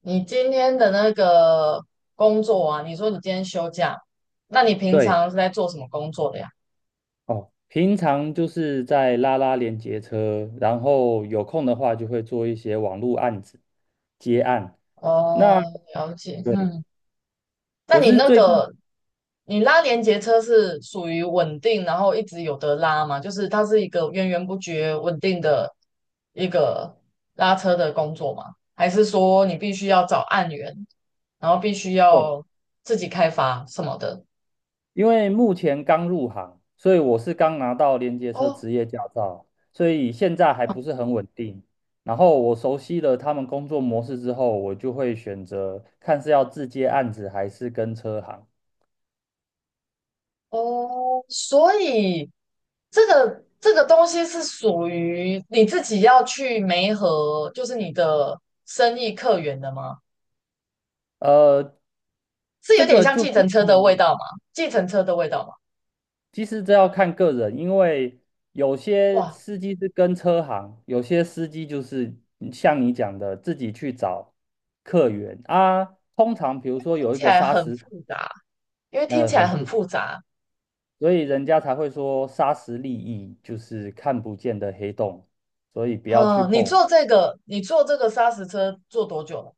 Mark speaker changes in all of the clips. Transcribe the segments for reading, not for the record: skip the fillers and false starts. Speaker 1: 你今天的那个工作啊，你说你今天休假，那你平
Speaker 2: 对。
Speaker 1: 常是在做什么工作的呀？
Speaker 2: 哦，平常就是在拉连接车，然后有空的话就会做一些网络案子接案。那
Speaker 1: 哦，了解，
Speaker 2: 对，
Speaker 1: 嗯，那
Speaker 2: 我
Speaker 1: 你
Speaker 2: 是
Speaker 1: 那
Speaker 2: 最近
Speaker 1: 个你拉连接车是属于稳定，然后一直有得拉吗？就是它是一个源源不绝、稳定的一个拉车的工作吗？还是说你必须要找案源，然后必须
Speaker 2: 哦，
Speaker 1: 要自己开发什么的？
Speaker 2: 因为目前刚入行，所以我是刚拿到连接车
Speaker 1: 哦。
Speaker 2: 职业驾照，所以现在还不是很稳定。然后我熟悉了他们工作模式之后，我就会选择看是要自接案子还是跟车行。
Speaker 1: 哦，所以这个东西是属于你自己要去媒合，就是你的生意客源的吗？
Speaker 2: 呃，
Speaker 1: 是有
Speaker 2: 这
Speaker 1: 点
Speaker 2: 个
Speaker 1: 像
Speaker 2: 就
Speaker 1: 计
Speaker 2: 很
Speaker 1: 程车的味
Speaker 2: 像。
Speaker 1: 道吗？计程车的味道吗？
Speaker 2: 其实这要看个人，因为有些
Speaker 1: 哇，
Speaker 2: 司机是跟车行，有些司机就是像你讲的自己去找客源啊。通常比如说
Speaker 1: 听
Speaker 2: 有一
Speaker 1: 起
Speaker 2: 个
Speaker 1: 来
Speaker 2: 沙
Speaker 1: 很
Speaker 2: 石，
Speaker 1: 复杂，因为听起来
Speaker 2: 很
Speaker 1: 很
Speaker 2: 复杂，
Speaker 1: 复杂。
Speaker 2: 所以人家才会说沙石利益就是看不见的黑洞，所以不要去
Speaker 1: 嗯，你
Speaker 2: 碰。
Speaker 1: 做这个，你做这个砂石车做多久了？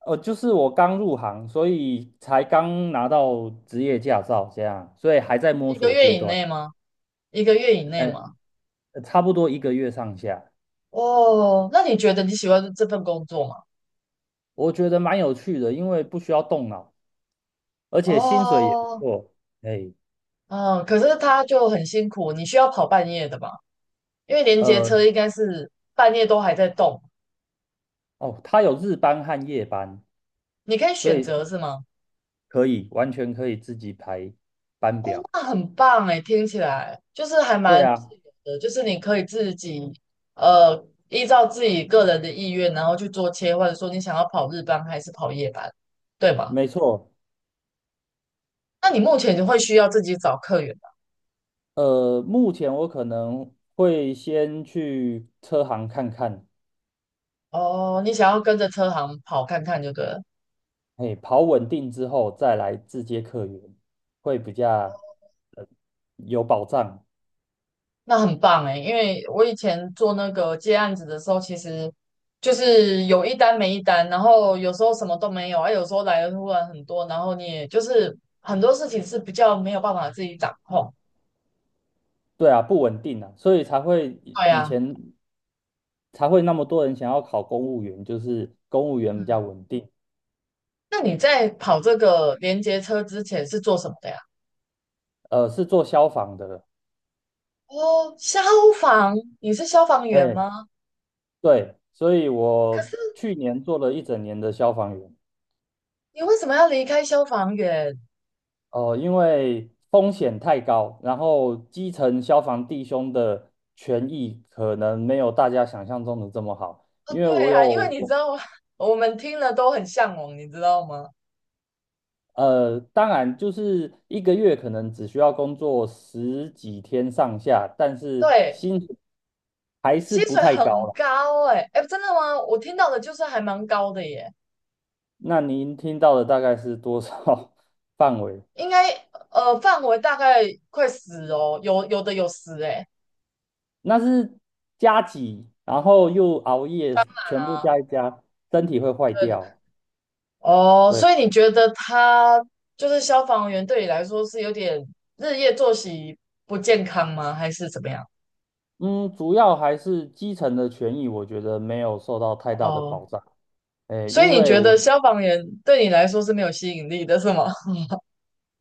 Speaker 2: 就是我刚入行，所以才刚拿到职业驾照，这样，所以还在摸
Speaker 1: 一个
Speaker 2: 索
Speaker 1: 月
Speaker 2: 阶
Speaker 1: 以
Speaker 2: 段。
Speaker 1: 内吗？一个月以内吗？
Speaker 2: 差不多一个月上下。
Speaker 1: 哦，那你觉得你喜欢这份工作吗？
Speaker 2: 我觉得蛮有趣的，因为不需要动脑，而且薪水也不
Speaker 1: 哦，
Speaker 2: 错。哎。
Speaker 1: 嗯，可是他就很辛苦，你需要跑半夜的吧？因为连接车
Speaker 2: 呃，
Speaker 1: 应该是半夜都还在动，
Speaker 2: 哦，它有日班和夜班，
Speaker 1: 你可以
Speaker 2: 所
Speaker 1: 选
Speaker 2: 以是
Speaker 1: 择是吗？
Speaker 2: 完全可以自己排班
Speaker 1: 哦，
Speaker 2: 表。
Speaker 1: 那很棒哎，听起来就是还
Speaker 2: 对
Speaker 1: 蛮
Speaker 2: 啊，
Speaker 1: 自由的，就是你可以自己依照自己个人的意愿，然后去做切换，说你想要跑日班还是跑夜班，对吗？
Speaker 2: 没错。
Speaker 1: 那你目前就会需要自己找客源吧
Speaker 2: 目前我可能会先去车行看看。
Speaker 1: 哦，你想要跟着车行跑看看就对了。
Speaker 2: 哎，跑稳定之后再来自接客源，会比较呃有保障。
Speaker 1: 那很棒哎，因为我以前做那个接案子的时候，其实就是有一单没一单，然后有时候什么都没有，啊，有时候来的突然很多，然后你也就是很多事情是比较没有办法自己掌控。
Speaker 2: 对啊，不稳定啊，所以才会以
Speaker 1: 对
Speaker 2: 以
Speaker 1: 呀，
Speaker 2: 前才会那么多人想要考公务员，就是公务员比较
Speaker 1: 嗯，
Speaker 2: 稳定。
Speaker 1: 那你在跑这个连接车之前是做什么的呀？
Speaker 2: 是做消防的。
Speaker 1: 哦，消防，你是消防员
Speaker 2: 哎，
Speaker 1: 吗？
Speaker 2: 对，所以
Speaker 1: 可是
Speaker 2: 我去年做了一整年的消防员。
Speaker 1: 你为什么要离开消防员？
Speaker 2: 因为风险太高，然后基层消防弟兄的权益可能没有大家想象中的这么好，
Speaker 1: 哦，
Speaker 2: 因为
Speaker 1: 对
Speaker 2: 我
Speaker 1: 啊，因为
Speaker 2: 有。
Speaker 1: 你知道吗，我们听了都很向往，你知道吗？
Speaker 2: 当然，就是一个月可能只需要工作十几天上下，但是
Speaker 1: 对，
Speaker 2: 薪水还是
Speaker 1: 薪
Speaker 2: 不
Speaker 1: 水
Speaker 2: 太高
Speaker 1: 很
Speaker 2: 啦。
Speaker 1: 高哎、哎，真的吗？我听到的就是还蛮高的耶，
Speaker 2: 那您听到的大概是多少 范围？
Speaker 1: 应该范围大概快十哦，有的有十哎，
Speaker 2: 那是加几，然后又熬夜，
Speaker 1: 当
Speaker 2: 全
Speaker 1: 然
Speaker 2: 部
Speaker 1: 啊，
Speaker 2: 加一加，身体会坏掉。
Speaker 1: 哦，
Speaker 2: 对。
Speaker 1: 所以你觉得他就是消防员对你来说是有点日夜作息不健康吗？还是怎么样？
Speaker 2: 嗯，主要还是基层的权益，我觉得没有受到太大的
Speaker 1: 哦，
Speaker 2: 保障。诶，
Speaker 1: 所以你觉得消防员对你来说是没有吸引力的，是吗？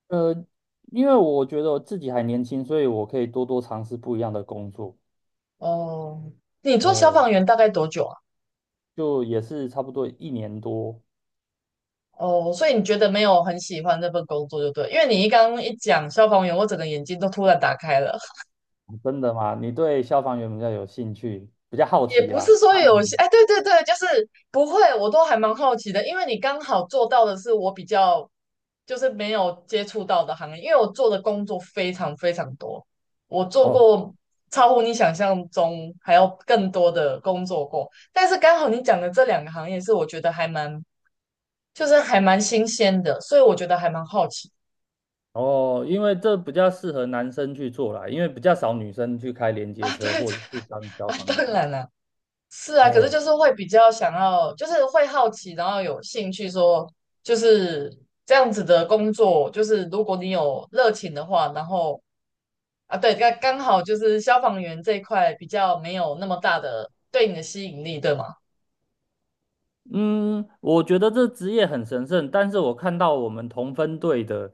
Speaker 2: 呃，因为我觉得我自己还年轻，所以我可以多多尝试不一样的工作。
Speaker 1: 哦，你做消
Speaker 2: 诶，
Speaker 1: 防员大概多久啊？
Speaker 2: 就也是差不多一年多。
Speaker 1: 哦，所以你觉得没有很喜欢这份工作就对，因为你一刚刚一讲消防员，我整个眼睛都突然打开了。
Speaker 2: 真的吗？你对消防员比较有兴趣，比较好
Speaker 1: 也
Speaker 2: 奇
Speaker 1: 不是
Speaker 2: 啊？
Speaker 1: 说
Speaker 2: 他
Speaker 1: 有
Speaker 2: 们
Speaker 1: 些，
Speaker 2: 呢
Speaker 1: 哎，对对对，就是不会，我都还蛮好奇的，因为你刚好做到的是我比较就是没有接触到的行业，因为我做的工作非常非常多，我做
Speaker 2: 哦。
Speaker 1: 过超乎你想象中还要更多的工作过，但是刚好你讲的这两个行业是我觉得还蛮就是还蛮新鲜的，所以我觉得还蛮好奇。
Speaker 2: 哦，因为这比较适合男生去做啦，因为比较少女生去开连 接
Speaker 1: 啊，
Speaker 2: 车
Speaker 1: 对
Speaker 2: 或
Speaker 1: 对
Speaker 2: 者是当消
Speaker 1: 啊，
Speaker 2: 防
Speaker 1: 当
Speaker 2: 员。
Speaker 1: 然了，是啊，可是
Speaker 2: 哎。
Speaker 1: 就是会比较想要，就是会好奇，然后有兴趣说，就是这样子的工作，就是如果你有热情的话，然后啊，对，刚刚好就是消防员这一块比较没有那么大的对你的吸引力，对吗？
Speaker 2: 嗯，我觉得这职业很神圣，但是我看到我们同分队的，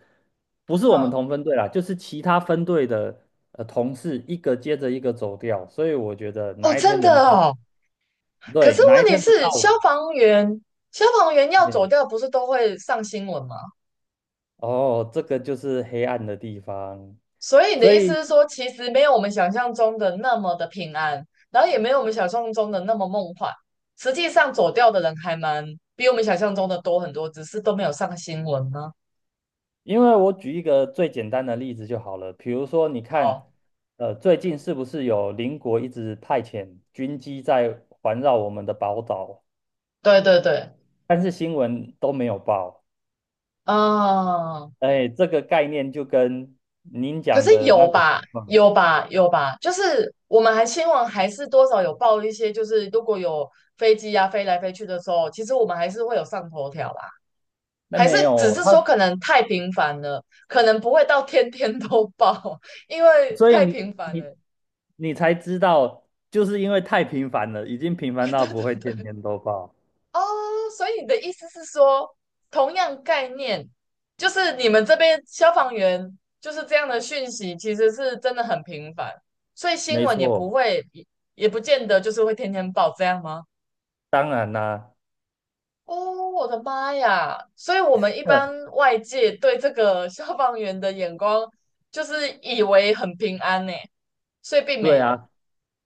Speaker 2: 不是我们
Speaker 1: 嗯，
Speaker 2: 同分队啦，就是其他分队的同事一个接着一个走掉，所以我觉得
Speaker 1: 哦，
Speaker 2: 哪一
Speaker 1: 真
Speaker 2: 天
Speaker 1: 的
Speaker 2: 轮到我
Speaker 1: 哦，可
Speaker 2: 对，
Speaker 1: 是
Speaker 2: 哪一
Speaker 1: 问题
Speaker 2: 天轮
Speaker 1: 是
Speaker 2: 到
Speaker 1: 消
Speaker 2: 我。
Speaker 1: 防员，消防员要
Speaker 2: 哎。
Speaker 1: 走掉不是都会上新闻吗？
Speaker 2: 哦，这个就是黑暗的地方，
Speaker 1: 所以你的
Speaker 2: 所
Speaker 1: 意思
Speaker 2: 以。
Speaker 1: 是说，其实没有我们想象中的那么的平安，然后也没有我们想象中的那么梦幻。实际上走掉的人还蛮比我们想象中的多很多，只是都没有上新闻呢。
Speaker 2: 因为我举一个最简单的例子就好了，比如说，你看，
Speaker 1: 好，
Speaker 2: 最近是不是有邻国一直派遣军机在环绕我们的宝岛，
Speaker 1: 对对对，
Speaker 2: 但是新闻都没有报。
Speaker 1: 啊，
Speaker 2: 哎，这个概念就跟您
Speaker 1: 可是
Speaker 2: 讲的
Speaker 1: 有
Speaker 2: 那个
Speaker 1: 吧，
Speaker 2: 情况。
Speaker 1: 有吧，有吧，就是我们还新闻还是多少有报一些，就是如果有飞机啊飞来飞去的时候，其实我们还是会有上头条啦。
Speaker 2: 那
Speaker 1: 还是
Speaker 2: 没
Speaker 1: 只
Speaker 2: 有
Speaker 1: 是
Speaker 2: 他，
Speaker 1: 说可能太频繁了，可能不会到天天都报，因为
Speaker 2: 所以
Speaker 1: 太频繁了。
Speaker 2: 你才知道，就是因为太频繁了，已经频繁
Speaker 1: 哎，
Speaker 2: 到
Speaker 1: 对
Speaker 2: 不
Speaker 1: 对
Speaker 2: 会天
Speaker 1: 对，
Speaker 2: 天都报。
Speaker 1: 哦，所以你的意思是说，同样概念，就是你们这边消防员就是这样的讯息，其实是真的很频繁，所以新
Speaker 2: 没
Speaker 1: 闻也不
Speaker 2: 错，
Speaker 1: 会，也不见得就是会天天报，这样吗？
Speaker 2: 当然啦、
Speaker 1: 哦，我的妈呀！所以我们一 般外界对这个消防员的眼光，就是以为很平安呢。所以并没
Speaker 2: 对
Speaker 1: 有。
Speaker 2: 啊，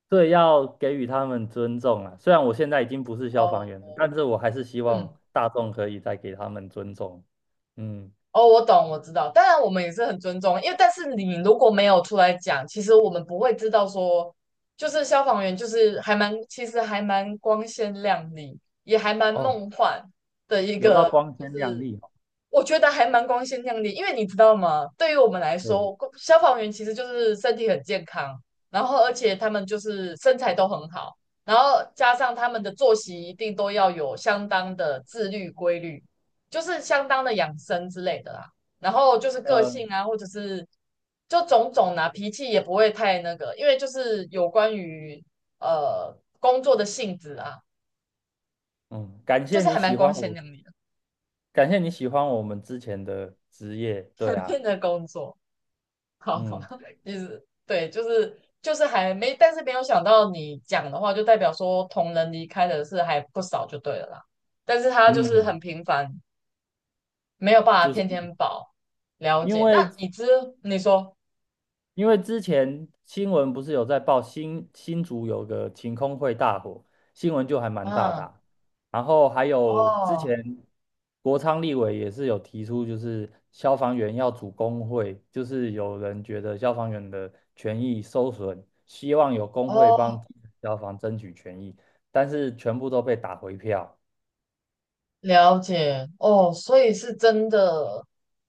Speaker 2: 对，要给予他们尊重啊。虽然我现在已经不是消防
Speaker 1: 哦，
Speaker 2: 员了，但是我还是希
Speaker 1: 嗯，
Speaker 2: 望大众可以再给他们尊重。嗯。
Speaker 1: 哦，我懂，我知道。当然，我们也是很尊重，因为但是你如果没有出来讲，其实我们不会知道说，就是消防员就是还蛮，其实还蛮光鲜亮丽，也还蛮
Speaker 2: 哦，
Speaker 1: 梦幻的一
Speaker 2: 有到
Speaker 1: 个，
Speaker 2: 光
Speaker 1: 就
Speaker 2: 鲜亮
Speaker 1: 是
Speaker 2: 丽哦。
Speaker 1: 我觉得还蛮光鲜亮丽，因为你知道吗？对于我们来
Speaker 2: 对。
Speaker 1: 说，公消防员其实就是身体很健康，然后而且他们就是身材都很好，然后加上他们的作息一定都要有相当的自律规律，就是相当的养生之类的啦。然后就是个
Speaker 2: 呃，
Speaker 1: 性啊，或者是就种种啊，脾气也不会太那个，因为就是有关于工作的性质啊，
Speaker 2: 嗯，感
Speaker 1: 就
Speaker 2: 谢
Speaker 1: 是
Speaker 2: 你
Speaker 1: 还蛮
Speaker 2: 喜欢
Speaker 1: 光鲜
Speaker 2: 我，
Speaker 1: 亮丽
Speaker 2: 感谢你喜欢我们之前的职业。
Speaker 1: 的
Speaker 2: 对啊，
Speaker 1: 那工作。好吧，
Speaker 2: 嗯
Speaker 1: 意思对，就是还没，但是没有想到你讲的话，就代表说同人离开的是还不少，就对了啦。但是他就是很
Speaker 2: 嗯，
Speaker 1: 频繁，没有办法
Speaker 2: 就是
Speaker 1: 天天保了
Speaker 2: 因
Speaker 1: 解。那
Speaker 2: 为
Speaker 1: 已知你说，
Speaker 2: 因为之前新闻不是有在报新竹有个晴空会大火，新闻就还蛮大的
Speaker 1: 嗯，
Speaker 2: 啊，然后还有之
Speaker 1: 哦
Speaker 2: 前国昌立委也是有提出，就是消防员要组工会，就是有人觉得消防员的权益受损，希望有工会帮
Speaker 1: 哦
Speaker 2: 基层消防争取权益，但是全部都被打回票。
Speaker 1: 了解哦，所以是真的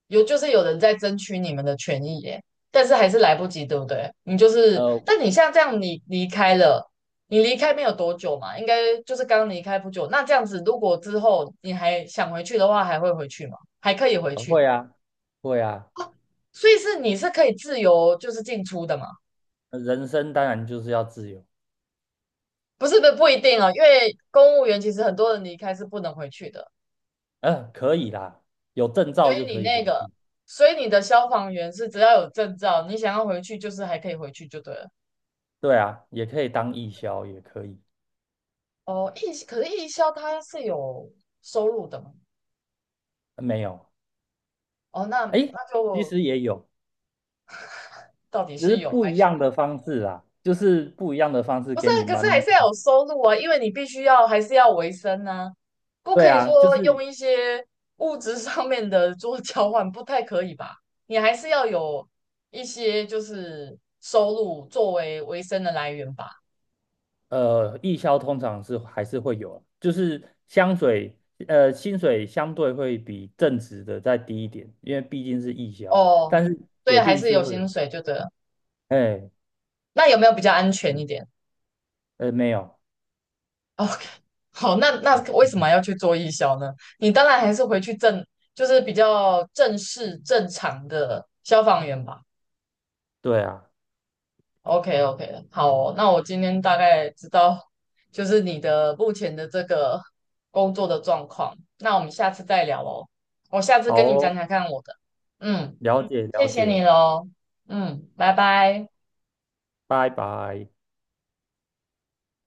Speaker 1: 有，就是有人在争取你们的权益耶，但是还是来不及，对不对？你就是，
Speaker 2: 呃，
Speaker 1: 但你像这样，你离开了，你离开没有多久嘛，应该就是刚离开不久。那这样子，如果之后你还想回去的话，还会回去吗？还可以回去，
Speaker 2: 会啊，会啊。
Speaker 1: 所以是你是可以自由就是进出的嘛？
Speaker 2: 人生当然就是要自由。
Speaker 1: 不是，不一定哦，因为公务员其实很多人离开是不能回去的。
Speaker 2: 嗯、可以啦，有证
Speaker 1: 所
Speaker 2: 照
Speaker 1: 以
Speaker 2: 就
Speaker 1: 你
Speaker 2: 可以回
Speaker 1: 那个，
Speaker 2: 去。
Speaker 1: 所以你的消防员是只要有证照，你想要回去就是还可以回去就对了。
Speaker 2: 对啊，也可以当义消，也可以。
Speaker 1: 哦，义可是义消它是有收入的嘛？
Speaker 2: 没有。
Speaker 1: 哦，那
Speaker 2: 诶，
Speaker 1: 那
Speaker 2: 其
Speaker 1: 就
Speaker 2: 实也有，
Speaker 1: 到底
Speaker 2: 只
Speaker 1: 是
Speaker 2: 是
Speaker 1: 有
Speaker 2: 不
Speaker 1: 还
Speaker 2: 一
Speaker 1: 是没？
Speaker 2: 样的方式啦，就是不一样的方式
Speaker 1: 不是
Speaker 2: 给
Speaker 1: 啊
Speaker 2: 你
Speaker 1: 可是还
Speaker 2: 们。
Speaker 1: 是要有收入啊，因为你必须要还是要维生啊，不
Speaker 2: 对
Speaker 1: 可以
Speaker 2: 啊，就
Speaker 1: 说
Speaker 2: 是
Speaker 1: 用一些物质上面的做交换，不太可以吧？你还是要有一些就是收入作为维生的来源吧？
Speaker 2: 义消通常是还是会有，就是香水，薪水相对会比正职的再低一点，因为毕竟是义消，
Speaker 1: 哦，
Speaker 2: 但是
Speaker 1: 对，
Speaker 2: 铁
Speaker 1: 还
Speaker 2: 定
Speaker 1: 是
Speaker 2: 是
Speaker 1: 有
Speaker 2: 会
Speaker 1: 薪
Speaker 2: 有。
Speaker 1: 水就对了。
Speaker 2: 哎。
Speaker 1: 那有没有比较安全一点
Speaker 2: 没有。
Speaker 1: ？OK，好，那为什么要去做义消呢？你当然还是回去正，就是比较正式正常的消防员吧。
Speaker 2: 对啊，
Speaker 1: OK OK，好哦那我今天大概知道就是你的目前的这个工作的状况，那我们下次再聊哦。我下次
Speaker 2: 好
Speaker 1: 跟你讲
Speaker 2: 哦，
Speaker 1: 讲看我的，嗯，
Speaker 2: 了解了
Speaker 1: 谢谢
Speaker 2: 解，
Speaker 1: 你喽，嗯，拜拜。
Speaker 2: 拜拜。